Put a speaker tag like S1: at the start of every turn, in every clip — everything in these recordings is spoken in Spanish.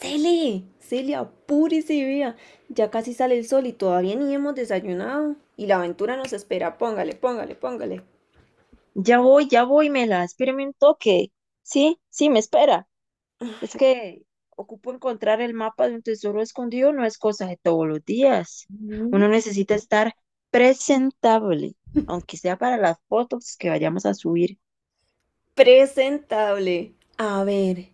S1: Cele, Cele, apúrese, vea. Ya casi sale el sol y todavía ni hemos desayunado. Y la aventura nos espera. Póngale, póngale, póngale.
S2: Ya voy, Mela, espérame un toque. Sí, sí, me espera. Es que ocupo encontrar el mapa de un tesoro escondido, no es cosa de todos los días. Uno
S1: Mm.
S2: necesita estar presentable, aunque sea para las fotos que vayamos a subir.
S1: Presentable. A ver,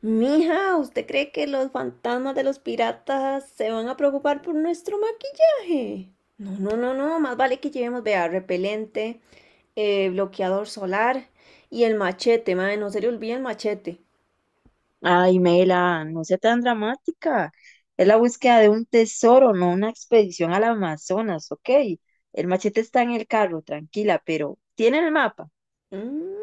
S1: mija, ¿usted cree que los fantasmas de los piratas se van a preocupar por nuestro maquillaje? No, no, no, no. Más vale que llevemos, vea, repelente, bloqueador solar y el machete, madre. No se le olvide el machete.
S2: Ay, Mela, no sea tan dramática. Es la búsqueda de un tesoro, no una expedición al Amazonas, ¿ok? El machete está en el carro, tranquila, pero ¿tiene el mapa?
S1: Mm.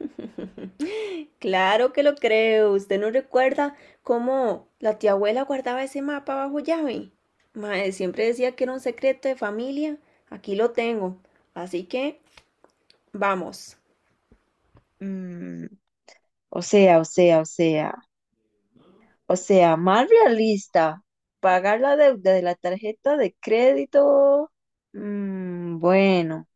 S1: Claro que lo creo. ¿Usted no recuerda cómo la tía abuela guardaba ese mapa bajo llave? Mae, siempre decía que era un secreto de familia. Aquí lo tengo. Así que vamos.
S2: Mm, o sea, o sea, o sea. O sea, más realista, pagar la deuda de la tarjeta de crédito. Bueno,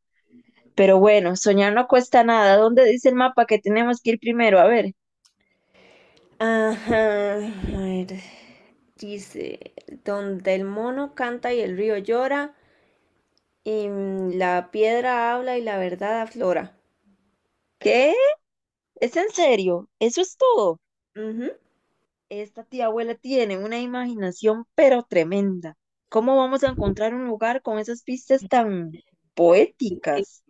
S2: pero bueno, soñar no cuesta nada. ¿Dónde dice el mapa que tenemos que ir primero? A ver,
S1: Ajá, a ver, dice, donde el mono canta y el río llora, y la piedra habla y la verdad aflora.
S2: ¿qué? ¿Es en serio? ¿Eso es todo?
S1: Ujú.
S2: Esta tía abuela tiene una imaginación pero tremenda. ¿Cómo vamos a encontrar un lugar con esas pistas tan
S1: Ok,
S2: poéticas?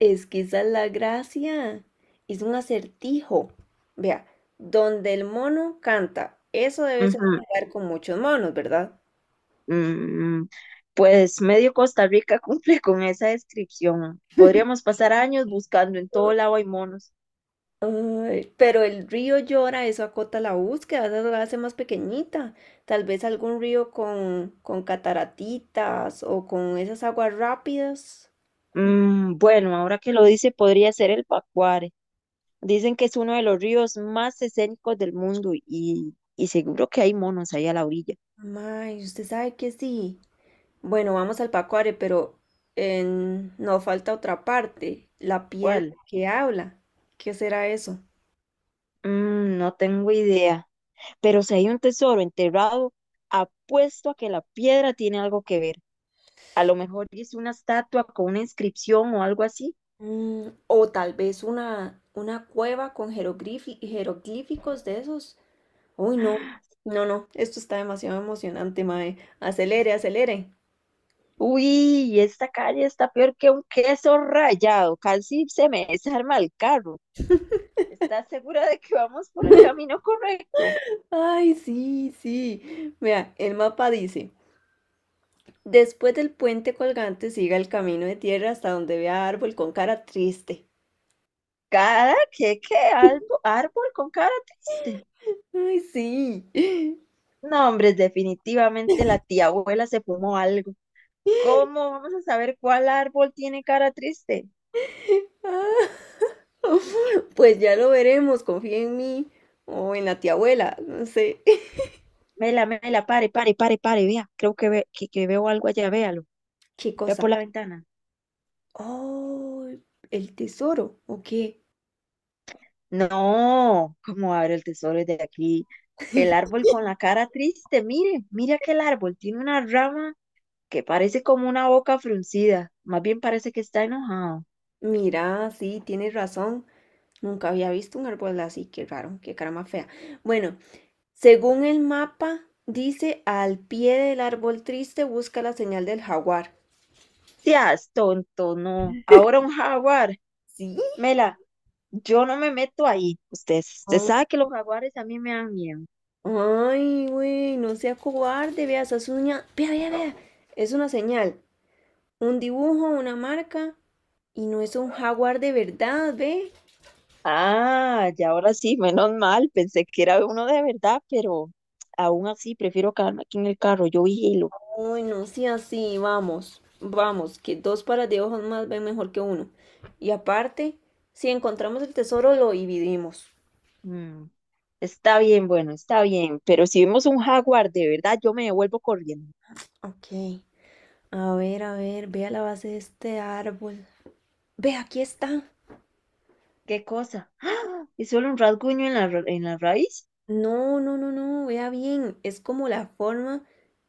S1: es que esa es la gracia. Es un acertijo. Vea, donde el mono canta, eso debe ser un
S2: Ujú.
S1: lugar con muchos monos, ¿verdad?
S2: Mm, mm, pues medio Costa Rica cumple con esa descripción. Podríamos pasar años buscando en todo lado hay monos.
S1: Ay, pero el río llora, eso acota la búsqueda, eso la hace más pequeñita. Tal vez algún río con, cataratitas o con esas aguas rápidas.
S2: Bueno, ahora que lo dice, podría ser el Pacuare. Dicen que es uno de los ríos más escénicos del mundo y seguro que hay monos ahí a la orilla.
S1: Ay, usted sabe que sí. Bueno, vamos al Pacuare, pero nos falta otra parte, la piedra
S2: ¿Cuál?
S1: que habla. ¿Qué será eso?
S2: No tengo idea. Pero si hay un tesoro enterrado, apuesto a que la piedra tiene algo que ver. A lo mejor es una estatua con una inscripción o algo así.
S1: Mm, o tal vez una cueva con jeroglíficos de esos. Uy, no, no, no, esto está demasiado emocionante, mae. Acelere, acelere.
S2: Uy, esta calle está peor que un queso rallado, casi se me desarma el carro. ¿Estás segura de que vamos por el camino correcto?
S1: Ay, sí, sí. Vea, el mapa dice, después del puente colgante siga el camino de tierra hasta donde vea árbol con cara triste.
S2: Cada que qué albo- Árbol con cara triste.
S1: Ay, sí.
S2: No, hombre, definitivamente la tía abuela se fumó algo. ¿Cómo vamos a saber cuál árbol tiene cara triste?
S1: Ah, pues ya lo veremos, confía en mí o en la tía abuela, no sé.
S2: Mela, mela, pare, pare, pare, pare, vea. Creo que veo algo allá, véalo.
S1: Qué
S2: Ve
S1: cosa.
S2: por la ventana.
S1: Oh, el tesoro, ¿o qué?
S2: No, ¿cómo abre el tesoro de aquí? El árbol con la cara triste, mire, mire aquel árbol, tiene una rama que parece como una boca fruncida, más bien parece que está enojado.
S1: Mira, sí, tienes razón. Nunca había visto un árbol así, qué raro, qué cara más fea. Bueno, según el mapa, dice al pie del árbol triste busca la señal del jaguar.
S2: Seas tonto, no. Ahora un jaguar.
S1: ¿Sí?
S2: Mela, yo no me meto ahí. Usted
S1: Ah.
S2: sabe que los jaguares a mí me dan miedo.
S1: Ay, güey, no sea cobarde, vea esa uñas. Vea, vea, vea. Es una señal, un dibujo, una marca, y no es un jaguar de verdad, ve.
S2: Ah, ya ahora sí, menos mal, pensé que era uno de verdad, pero aún así prefiero quedarme aquí en el carro. Yo vigilo.
S1: Uy, no sí así, vamos, vamos, que dos pares de ojos más ven mejor que uno. Y aparte, si encontramos el tesoro, lo dividimos.
S2: Mm. Está bien, bueno, está bien, pero si vemos un jaguar de verdad, yo me devuelvo corriendo.
S1: Ok, a ver, vea la base de este árbol. Ve, aquí está.
S2: ¿Qué cosa? ¡Ah! ¿Es solo un rasguño en en la raíz?
S1: No, no, no, no, vea bien, es como la forma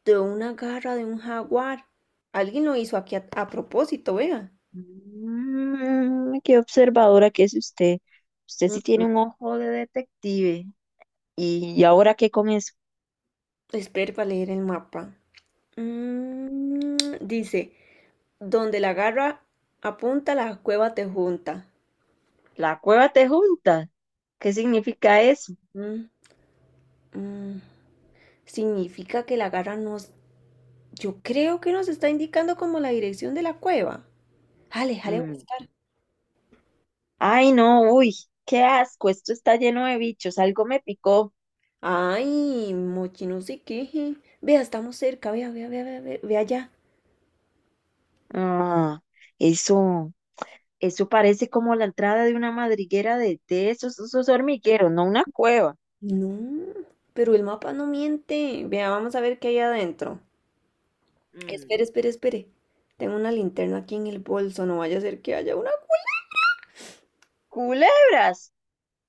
S1: de una garra de un jaguar. Alguien lo hizo aquí a propósito, vea.
S2: Qué observadora que es usted. Usted
S1: Mm.
S2: sí tiene un ojo de detective. ¿Y ahora qué con eso.
S1: Espere para leer el mapa. Mm, dice, donde la garra apunta, la cueva te junta.
S2: La cueva te junta. ¿Qué significa eso?
S1: Mm, mm. Significa que la garra nos... Yo creo que nos está indicando como la dirección de la cueva. Jale, jale a
S2: Mm.
S1: buscar.
S2: Ay, no, uy, qué asco, esto está lleno de bichos, algo me picó.
S1: Ay, mochi, no sé qué. Vea, estamos cerca. Vea, vea, vea, vea, vea, vea allá.
S2: Ah, eso. Eso parece como la entrada de una madriguera de esos, esos hormigueros, no una cueva.
S1: No, pero el mapa no miente. Vea, vamos a ver qué hay adentro.
S2: Mm.
S1: Espere, espere, espere. Tengo una linterna aquí en el bolso. No vaya a ser que haya una.
S2: Culebras.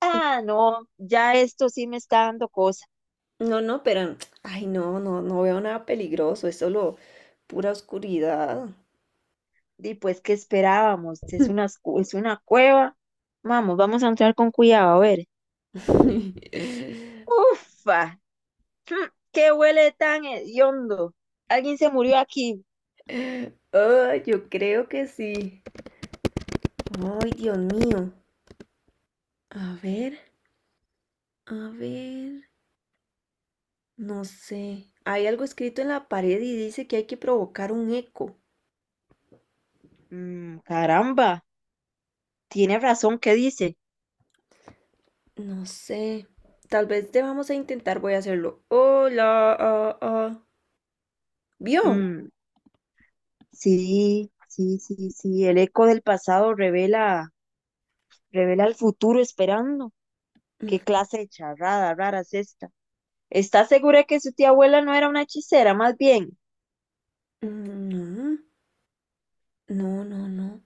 S2: Ah, no, ya esto sí me está dando cosa.
S1: No, no, pero, ay, no, no, no veo nada peligroso, es solo pura oscuridad.
S2: Y pues, ¿qué esperábamos? Es es una cueva. Vamos, vamos a entrar con cuidado, a ver. Ufa, mm, qué huele tan hediondo. Alguien se murió aquí.
S1: Ay, yo creo que sí. Ay, Dios mío. A ver, a ver, no sé. Hay algo escrito en la pared y dice que hay que provocar un eco.
S2: Caramba, tiene razón, ¿qué dice?
S1: No sé. Tal vez debamos a intentar, voy a hacerlo. Hola, ah, ah. ¿Vio?
S2: Mm, sí, sí, sí, sí, el eco del pasado revela. Revela el futuro esperando. ¿Qué clase de charrada rara es esta? ¿Está segura que su tía abuela no era una hechicera, más bien?
S1: Mm. No, no, no, no.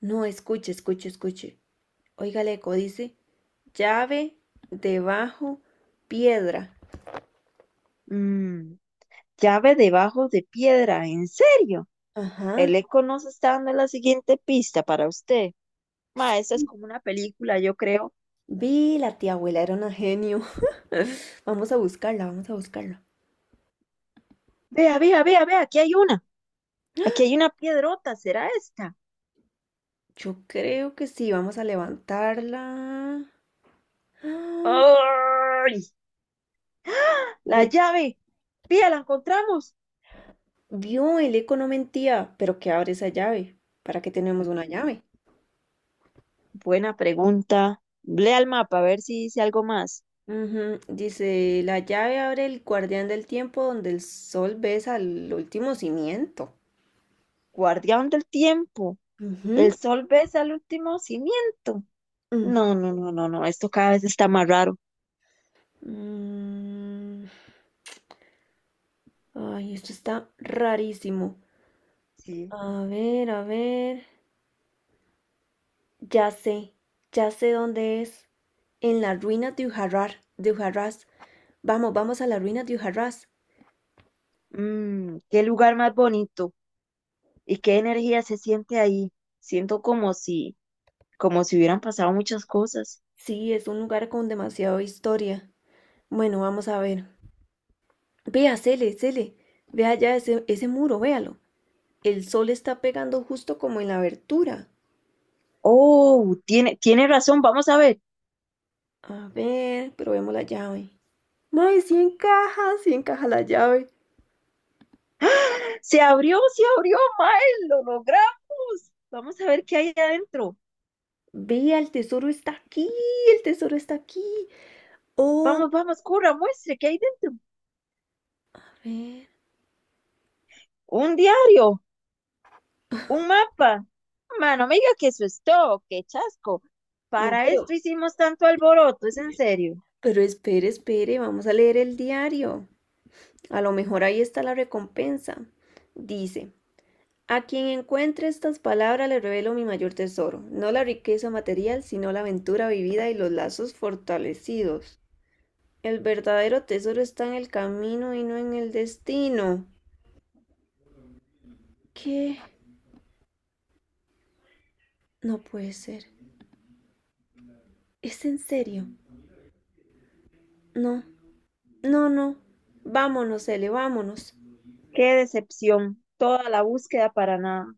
S1: No, escuche, escuche, escuche. Oiga el eco, dice: llave, debajo, piedra.
S2: Mm, llave debajo de piedra, ¿en serio?
S1: Ajá.
S2: El eco nos está dando la siguiente pista para usted. Ma, esa es como una película, yo creo.
S1: Vi, la tía abuela era una genio. Vamos a buscarla, vamos a buscarla.
S2: Vea, vea, vea, vea, aquí hay una. Aquí hay una piedrota, ¿será esta?
S1: Yo creo que sí, vamos a levantarla. Ah.
S2: ¡Ay! La
S1: Ve,
S2: llave. Pía, la encontramos.
S1: vio, el eco no mentía, pero ¿qué abre esa llave? ¿Para qué tenemos una
S2: Mm,
S1: llave?
S2: Buena pregunta. Lea el mapa a ver si dice algo más.
S1: Ujú. Dice, la llave abre el guardián del tiempo donde el sol besa al último cimiento.
S2: Guardián del tiempo.
S1: Ujú.
S2: El sol besa el último cimiento.
S1: Mm.
S2: No, no, no, no, no. Esto cada vez está más raro.
S1: Mm, ay, esto está rarísimo.
S2: Sí.
S1: A ver, a ver. Ya sé, ya sé dónde es. En la ruina de Ujarrás. Vamos, vamos a la ruina de Ujarrás.
S2: Mm, qué lugar más bonito y qué energía se siente ahí. Siento como si hubieran pasado muchas cosas.
S1: Sí, es un lugar con demasiada historia. Bueno, vamos a ver. Vea, Cele, Cele. Vea ese, ese muro, véalo. El sol está pegando justo como en la abertura.
S2: Oh, tiene razón. Vamos a ver.
S1: A ver, probemos la llave. ¡Mae, sí encaja! Sí encaja la llave.
S2: Se abrió, Mae. Lo logramos. Vamos a ver qué hay adentro.
S1: Vea, el tesoro está aquí. El tesoro está aquí. Oh.
S2: Vamos, vamos, corra, muestre qué hay dentro.
S1: A ver.
S2: Un diario. Un mapa. Mano, me diga que eso es todo, qué chasco.
S1: No,
S2: Para esto hicimos tanto alboroto, es en serio.
S1: pero espere, espere, vamos a leer el diario. A lo mejor ahí está la recompensa. Dice, a quien encuentre estas palabras le revelo mi mayor tesoro, no la riqueza material, sino la aventura vivida y los lazos fortalecidos. El verdadero tesoro está en el camino y no en el destino. ¿Qué? No puede ser. ¿Es en serio? No, no, no. Vámonos, Ele, vámonos.
S2: Qué decepción, toda la búsqueda para nada.